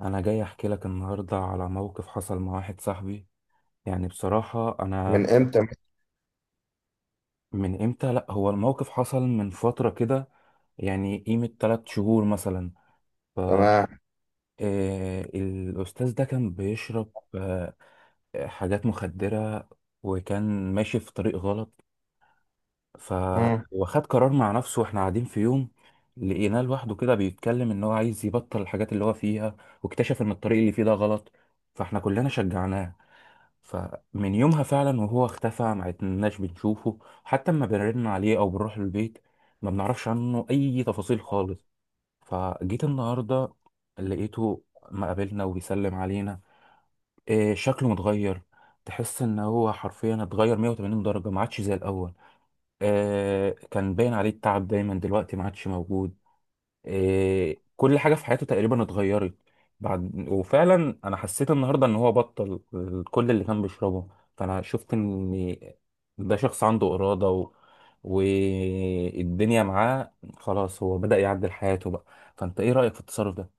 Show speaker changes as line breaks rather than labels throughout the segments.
انا جاي احكي لك النهارده على موقف حصل مع واحد صاحبي. يعني بصراحه انا،
من امتى؟
من امتى؟ لا، هو الموقف حصل من فتره كده، يعني قيمه 3 شهور مثلا. ف
تمام.
آه، الاستاذ ده كان بيشرب حاجات مخدره، وكان ماشي في طريق غلط. ف
مم.
وخد قرار مع نفسه، واحنا قاعدين في يوم لقيناه لوحده كده بيتكلم ان هو عايز يبطل الحاجات اللي هو فيها، واكتشف ان الطريق اللي فيه ده غلط. فاحنا كلنا شجعناه. فمن يومها فعلا وهو اختفى، ما عدناش بنشوفه حتى اما بنرن عليه او بنروح البيت. ما بنعرفش عنه اي تفاصيل خالص. فجيت النهارده لقيته، ما قابلنا وبيسلم علينا. إيه شكله متغير، تحس ان هو حرفيا اتغير 180 درجة، ما عادش زي الاول. إيه كان باين عليه التعب دايما دلوقتي ما عادش موجود. إيه، كل حاجة في حياته تقريبا اتغيرت. بعد وفعلا انا حسيت النهارده ان هو بطل كل اللي كان بيشربه. فانا شفت ان ده شخص عنده إرادة والدنيا معاه خلاص، هو بدأ يعدل حياته بقى. فانت ايه رأيك في التصرف ده؟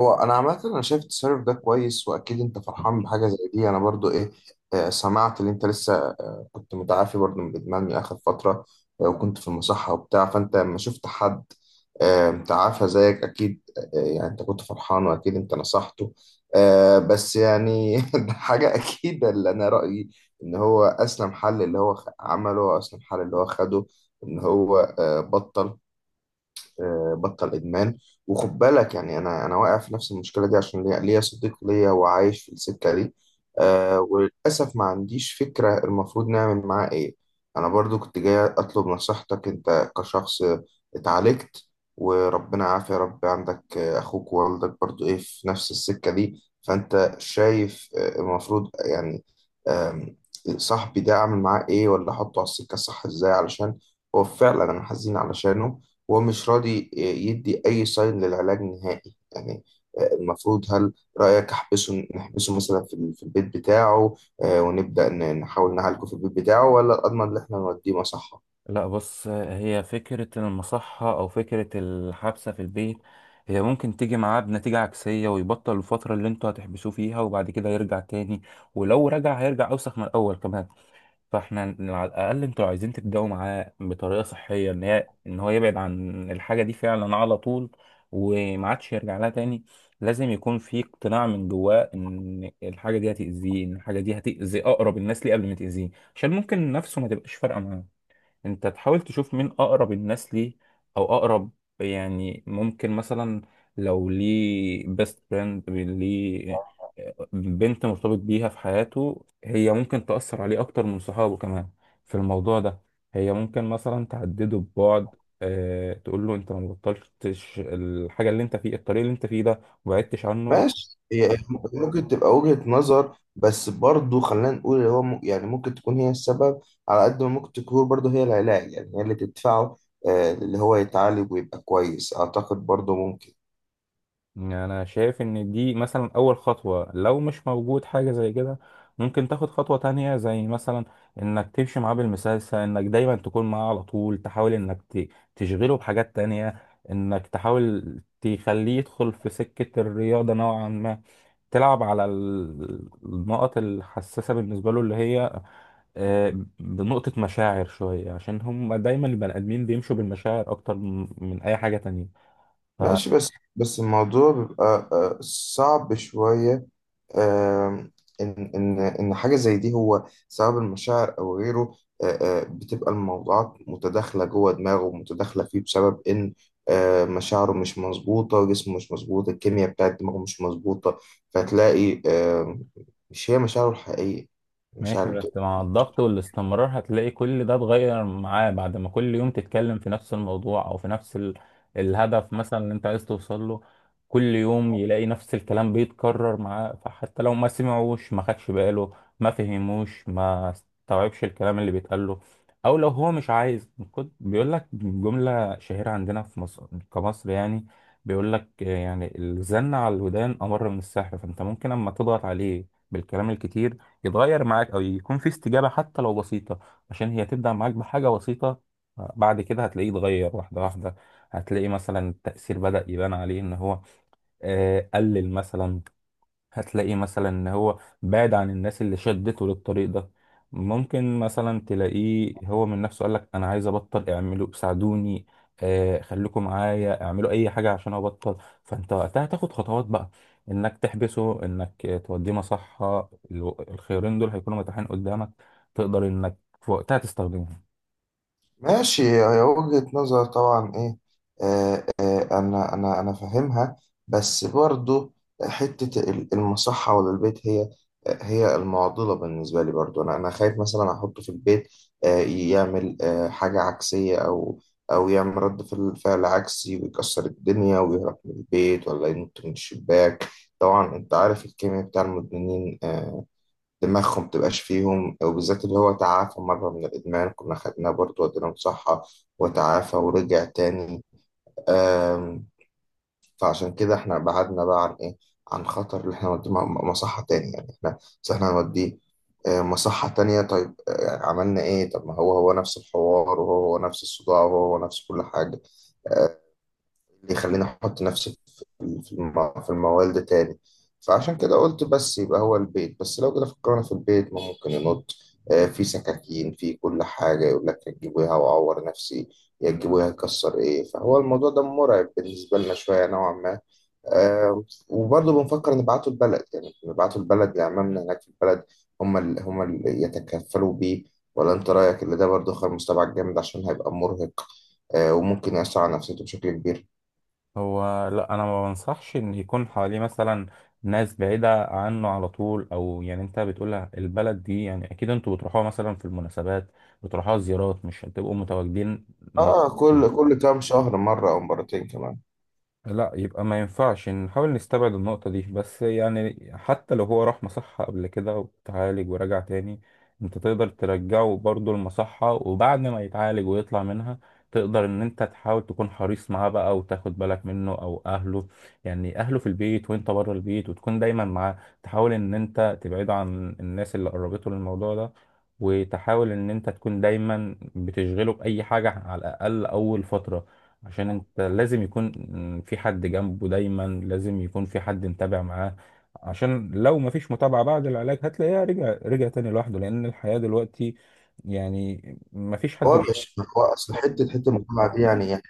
هو انا عامه، انا شايف التصرف ده كويس، واكيد انت فرحان بحاجه زي دي. انا برضو ايه، سمعت ان انت لسه كنت متعافي برضو من الادمان من اخر فتره. وكنت في المصحه وبتاع، فانت لما شفت حد متعافى زيك اكيد، يعني انت كنت فرحان، واكيد انت نصحته. بس يعني ده حاجه اكيد، اللي انا رايي ان هو اسلم حل اللي هو عمله، واسلم حل اللي هو خده، ان هو بطل، بطل ادمان. وخد بالك يعني، انا واقع في نفس المشكله دي، عشان ليا صديق ليا وعايش في السكه دي. وللاسف ما عنديش فكره المفروض نعمل معاه ايه. انا برضو كنت جاي اطلب نصيحتك، انت كشخص اتعالجت، وربنا عافية يا رب. عندك اخوك ووالدك برضو ايه في نفس السكه دي، فانت شايف المفروض يعني، آم، صاحبي ده اعمل معاه ايه؟ ولا احطه على السكه الصح ازاي، علشان هو فعلا انا حزين علشانه. هو مش راضي يدي أي ساين للعلاج نهائي يعني. المفروض، هل رأيك أحبسه، نحبسه مثلا في في البيت بتاعه ونبدأ نحاول نعالجه في البيت بتاعه، ولا الأضمن إن إحنا نوديه مصحة؟
لا بص، هي فكرة المصحة او فكرة الحبسة في البيت هي ممكن تيجي معاه بنتيجة عكسية، ويبطل الفترة اللي انتوا هتحبسوه فيها، وبعد كده يرجع تاني. ولو رجع هيرجع اوسخ من الاول كمان. فاحنا على الاقل انتوا عايزين تبداوا معاه بطريقه صحيه، ان هو يبعد عن الحاجه دي فعلا على طول، وما عادش يرجع لها تاني. لازم يكون في اقتناع من جواه ان الحاجه دي هتاذيه، ان الحاجه دي هتاذي اقرب الناس ليه قبل ما تاذيه، عشان ممكن نفسه ما تبقاش فارقه. انت تحاول تشوف مين اقرب الناس ليه، او اقرب، يعني ممكن مثلا لو ليه بيست فريند ليه، بنت مرتبط بيها في حياته، هي ممكن تأثر عليه اكتر من صحابه كمان في الموضوع ده. هي ممكن مثلا تهدده ببعد، أه تقول له انت ما بطلتش الحاجه اللي انت فيه، الطريق اللي انت فيه ده وبعدتش عنه.
ماشي، هي ممكن تبقى وجهة نظر، بس برضه خلينا نقول اللي هو يعني ممكن تكون هي السبب. على قد ما ممكن تكون برضه هي العلاج، يعني هي اللي تدفعه اللي هو يتعالج ويبقى كويس. أعتقد برضه ممكن.
يعني انا شايف ان دي مثلا اول خطوة، لو مش موجود حاجة زي كده ممكن تاخد خطوة تانية، زي مثلا انك تمشي معاه بالمسلسل، انك دايما تكون معاه على طول، تحاول انك تشغله بحاجات تانية، انك تحاول تخليه يدخل في سكة الرياضة نوعا ما. تلعب على النقط الحساسة بالنسبة له، اللي هي آه، بنقطة مشاعر شوية، عشان هم دايما البني آدمين بيمشوا بالمشاعر أكتر من أي حاجة تانية.
ماشي. بس الموضوع بيبقى صعب شوية. آم، إن حاجة زي دي هو سبب المشاعر أو غيره. بتبقى الموضوعات متداخلة جوه دماغه، ومتداخلة فيه بسبب إن مشاعره مش مظبوطة، جسمه مش مظبوط، الكيمياء بتاعت دماغه مش مظبوطة. فتلاقي مش هي مشاعره الحقيقية،
ماشي
مشاعر.
بس مع الضغط والاستمرار هتلاقي كل ده اتغير معاه، بعد ما كل يوم تتكلم في نفس الموضوع او في نفس الهدف مثلا اللي انت عايز توصل له. كل يوم يلاقي نفس الكلام بيتكرر معاه، فحتى لو ما سمعوش ما خدش باله، ما فهموش ما استوعبش الكلام اللي بيتقال له، او لو هو مش عايز. كنت بيقول لك جملة شهيرة عندنا في مصر، كمصر يعني، بيقول لك يعني الزن على الودان امر من السحر. فانت ممكن اما تضغط عليه بالكلام الكتير يتغير معاك، او يكون في استجابه حتى لو بسيطه، عشان هي تبدا معاك بحاجه بسيطه، بعد كده هتلاقيه اتغير واحده واحده. هتلاقي مثلا التاثير بدا يبان عليه ان هو قلل مثلا، هتلاقيه مثلا ان هو بعد عن الناس اللي شدته للطريق ده. ممكن مثلا تلاقيه هو من نفسه قالك انا عايز ابطل، اعملوا ساعدوني، آه خليكم معايا، اعملوا اي حاجه عشان ابطل. فانت وقتها تاخد خطوات بقى، انك تحبسه، انك توديه مصحه. الخيارين دول هيكونوا متاحين قدامك، تقدر انك في وقتها تستخدمهم.
ماشي، هي وجهة نظر طبعا ايه، انا فاهمها. بس برضو حتة المصحة ولا البيت، هي المعضلة بالنسبة لي. برضو انا خايف مثلا احطه في البيت، آه يعمل آه حاجة عكسية، او يعمل رد فعل عكسي، ويكسر الدنيا ويهرب من البيت، ولا ينط من الشباك. طبعا انت عارف الكيمياء بتاع المدمنين، دماغهم متبقاش فيهم، وبالذات اللي هو تعافى مرة من الإدمان. كنا خدناه برضه وديناه مصحة وتعافى ورجع تاني. آم، فعشان كده احنا بعدنا بقى عن إيه، عن خطر اللي احنا نوديه مصحة تاني. يعني احنا بس احنا هنوديه مصحة تانية. طيب عملنا ايه؟ طب ما هو هو نفس الحوار، وهو هو نفس الصداع، وهو هو نفس كل حاجة آه، اللي يخليني احط نفسي في الموال ده تاني. فعشان كده قلت بس يبقى هو البيت بس. لو كده فكرنا في البيت، ما ممكن ينط في سكاكين، في كل حاجة يقول لك يا تجيبوها وأعور نفسي، يا تجيبوها يكسر إيه. فهو الموضوع ده مرعب بالنسبة لنا شوية نوعا ما وبرضه بنفكر نبعته البلد. يعني نبعته البلد لعمامنا هناك في البلد، هم اللي يتكفلوا بيه. ولا أنت رأيك اللي ده برضه خيار مستبعد جامد، عشان هيبقى مرهق وممكن يأثر على نفسيته بشكل كبير.
هو لا، انا ما بنصحش ان يكون حواليه مثلا ناس بعيده عنه على طول. او يعني انت بتقولها البلد دي، يعني اكيد انتوا بتروحوها مثلا في المناسبات، بتروحوها زيارات، مش هتبقوا متواجدين.
اه، كل كام شهر مره او مرتين كمان.
لا، يبقى ما ينفعش نحاول نستبعد النقطة دي. بس يعني حتى لو هو راح مصحة قبل كده وتعالج ورجع تاني، انت تقدر ترجعه برضه المصحة، وبعد ما يتعالج ويطلع منها تقدر ان انت تحاول تكون حريص معاه بقى وتاخد بالك منه او اهله. يعني اهله في البيت وانت بره البيت، وتكون دايما معاه، تحاول ان انت تبعده عن الناس اللي قربته للموضوع ده، وتحاول ان انت تكون دايما بتشغله بأي حاجة على الاقل اول فترة. عشان انت لازم يكون في حد جنبه دايما، لازم يكون في حد متابع معاه، عشان لو ما فيش متابعة بعد العلاج هتلاقيها رجع تاني لوحده، لأن الحياة دلوقتي يعني ما فيش حد.
هو مش هو اصل حته المتابعه دي يعني يعني،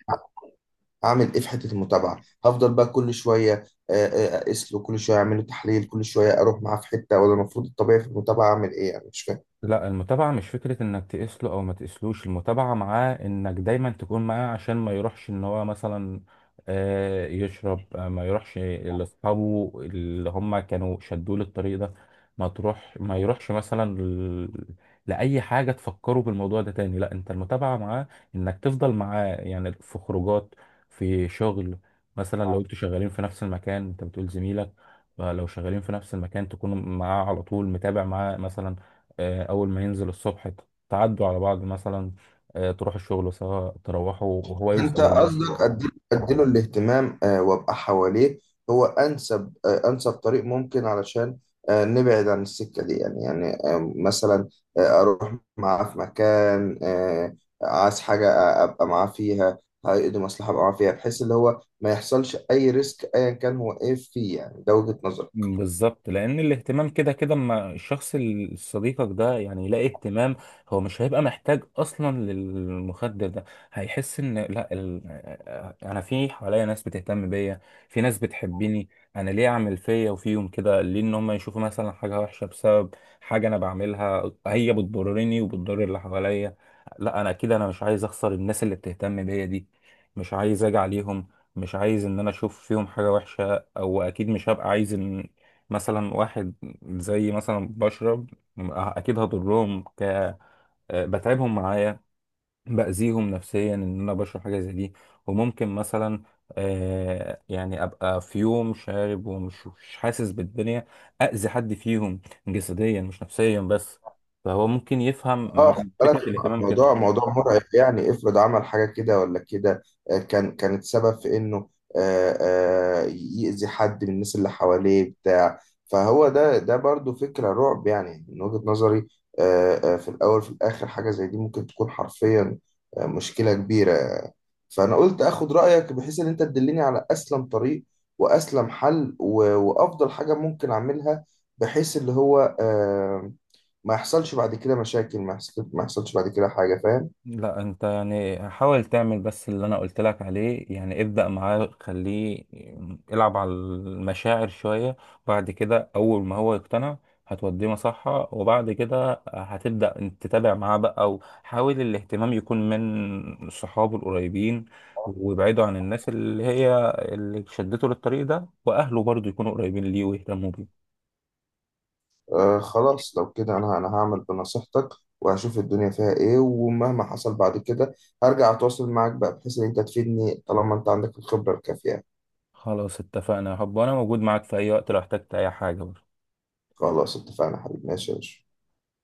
اعمل ايه في حته المتابعه؟ هفضل بقى كل شويه اقيس له كل شويه، اعمل له تحليل كل شويه، اروح معاه في حته؟ ولا المفروض الطبيعي في المتابعه اعمل ايه يعني؟ مش فاهم.
لا، المتابعة مش فكرة انك تقيس له او ما تقيسلوش. المتابعة معاه انك دايما تكون معاه، عشان ما يروحش ان هو مثلا يشرب، ما يروحش لاصحابه اللي هم كانوا شدوه للطريق ده. ما يروحش مثلا لأي حاجة تفكره بالموضوع ده تاني. لا، انت المتابعة معاه انك تفضل معاه، يعني في خروجات، في شغل، مثلا لو انتوا شغالين في نفس المكان انت بتقول زميلك، فلو شغالين في نفس المكان تكون معاه على طول متابع معاه مثلا. أول ما ينزل الصبح تعدوا على بعض مثلا، تروح الشغل سوا، تروحوا وهو يوصل
انت
البيت.
قصدك اديله الاهتمام وابقى حواليه، هو انسب انسب طريق ممكن، علشان نبعد عن السكه دي يعني يعني مثلا، اروح معاه في مكان عايز حاجه ابقى معاه فيها، عقد مصلحه ابقى معاه فيها، بحيث اللي هو ما يحصلش اي ريسك ايا كان هو ايه فيه. يعني ده وجهه نظري.
بالظبط، لان الاهتمام كده كده اما الشخص صديقك ده يعني يلاقي اهتمام، هو مش هيبقى محتاج اصلا للمخدر ده. هيحس ان لا انا في حواليا ناس بتهتم بيا، في ناس بتحبني، انا ليه اعمل فيا وفيهم كده؟ ليه ان هم يشوفوا مثلا حاجه وحشه بسبب حاجه انا بعملها، هي بتضرني وبتضر اللي حواليا. لا، انا كده انا مش عايز اخسر الناس اللي بتهتم بيا دي، مش عايز اجي عليهم، مش عايز ان انا اشوف فيهم حاجه وحشه. او اكيد مش هبقى عايز مثلا واحد زي مثلا بشرب، اكيد هضرهم، ك آه، بتعبهم معايا، باذيهم نفسيا ان انا بشرب حاجه زي دي. وممكن مثلا يعني ابقى في يوم شارب ومش مش حاسس بالدنيا، اذي حد فيهم جسديا مش نفسيا بس. فهو ممكن يفهم
اه، خد
من فكره
بالك،
الاهتمام كده.
الموضوع موضوع مرعب يعني. افرض عمل حاجه كده ولا كده، كانت سبب في انه آه، يأذي حد من الناس اللي حواليه بتاع. فهو ده برضو فكره رعب يعني من وجهه نظري في الاول في الاخر. حاجه زي دي ممكن تكون حرفيا مشكله كبيره. فانا قلت اخد رايك، بحيث ان انت تدلني على اسلم طريق واسلم حل وافضل حاجه ممكن اعملها، بحيث اللي هو ما يحصلش بعد كده مشاكل، ما يحصلش بعد كده حاجة، فاهم؟
لا انت يعني حاول تعمل بس اللي انا قلت لك عليه، يعني ابدأ معاه، خليه يلعب على المشاعر شوية، بعد كده اول ما هو يقتنع هتوديه مصحة، وبعد كده هتبدأ انت تتابع معاه بقى، او حاول الاهتمام يكون من صحابه القريبين، وابعده عن الناس اللي هي اللي شدته للطريق ده، واهله برضو يكونوا قريبين ليه ويهتموا بيه.
آه خلاص، لو كده أنا هعمل بنصيحتك، وهشوف الدنيا فيها إيه. ومهما حصل بعد كده هرجع أتواصل معاك بقى، بحيث إن أنت تفيدني، طالما أنت عندك الخبرة الكافية.
خلاص اتفقنا يا حب، وانا موجود معاك في اي وقت لو احتجت اي حاجة.
خلاص اتفقنا يا حبيبي، ماشي يا باشا.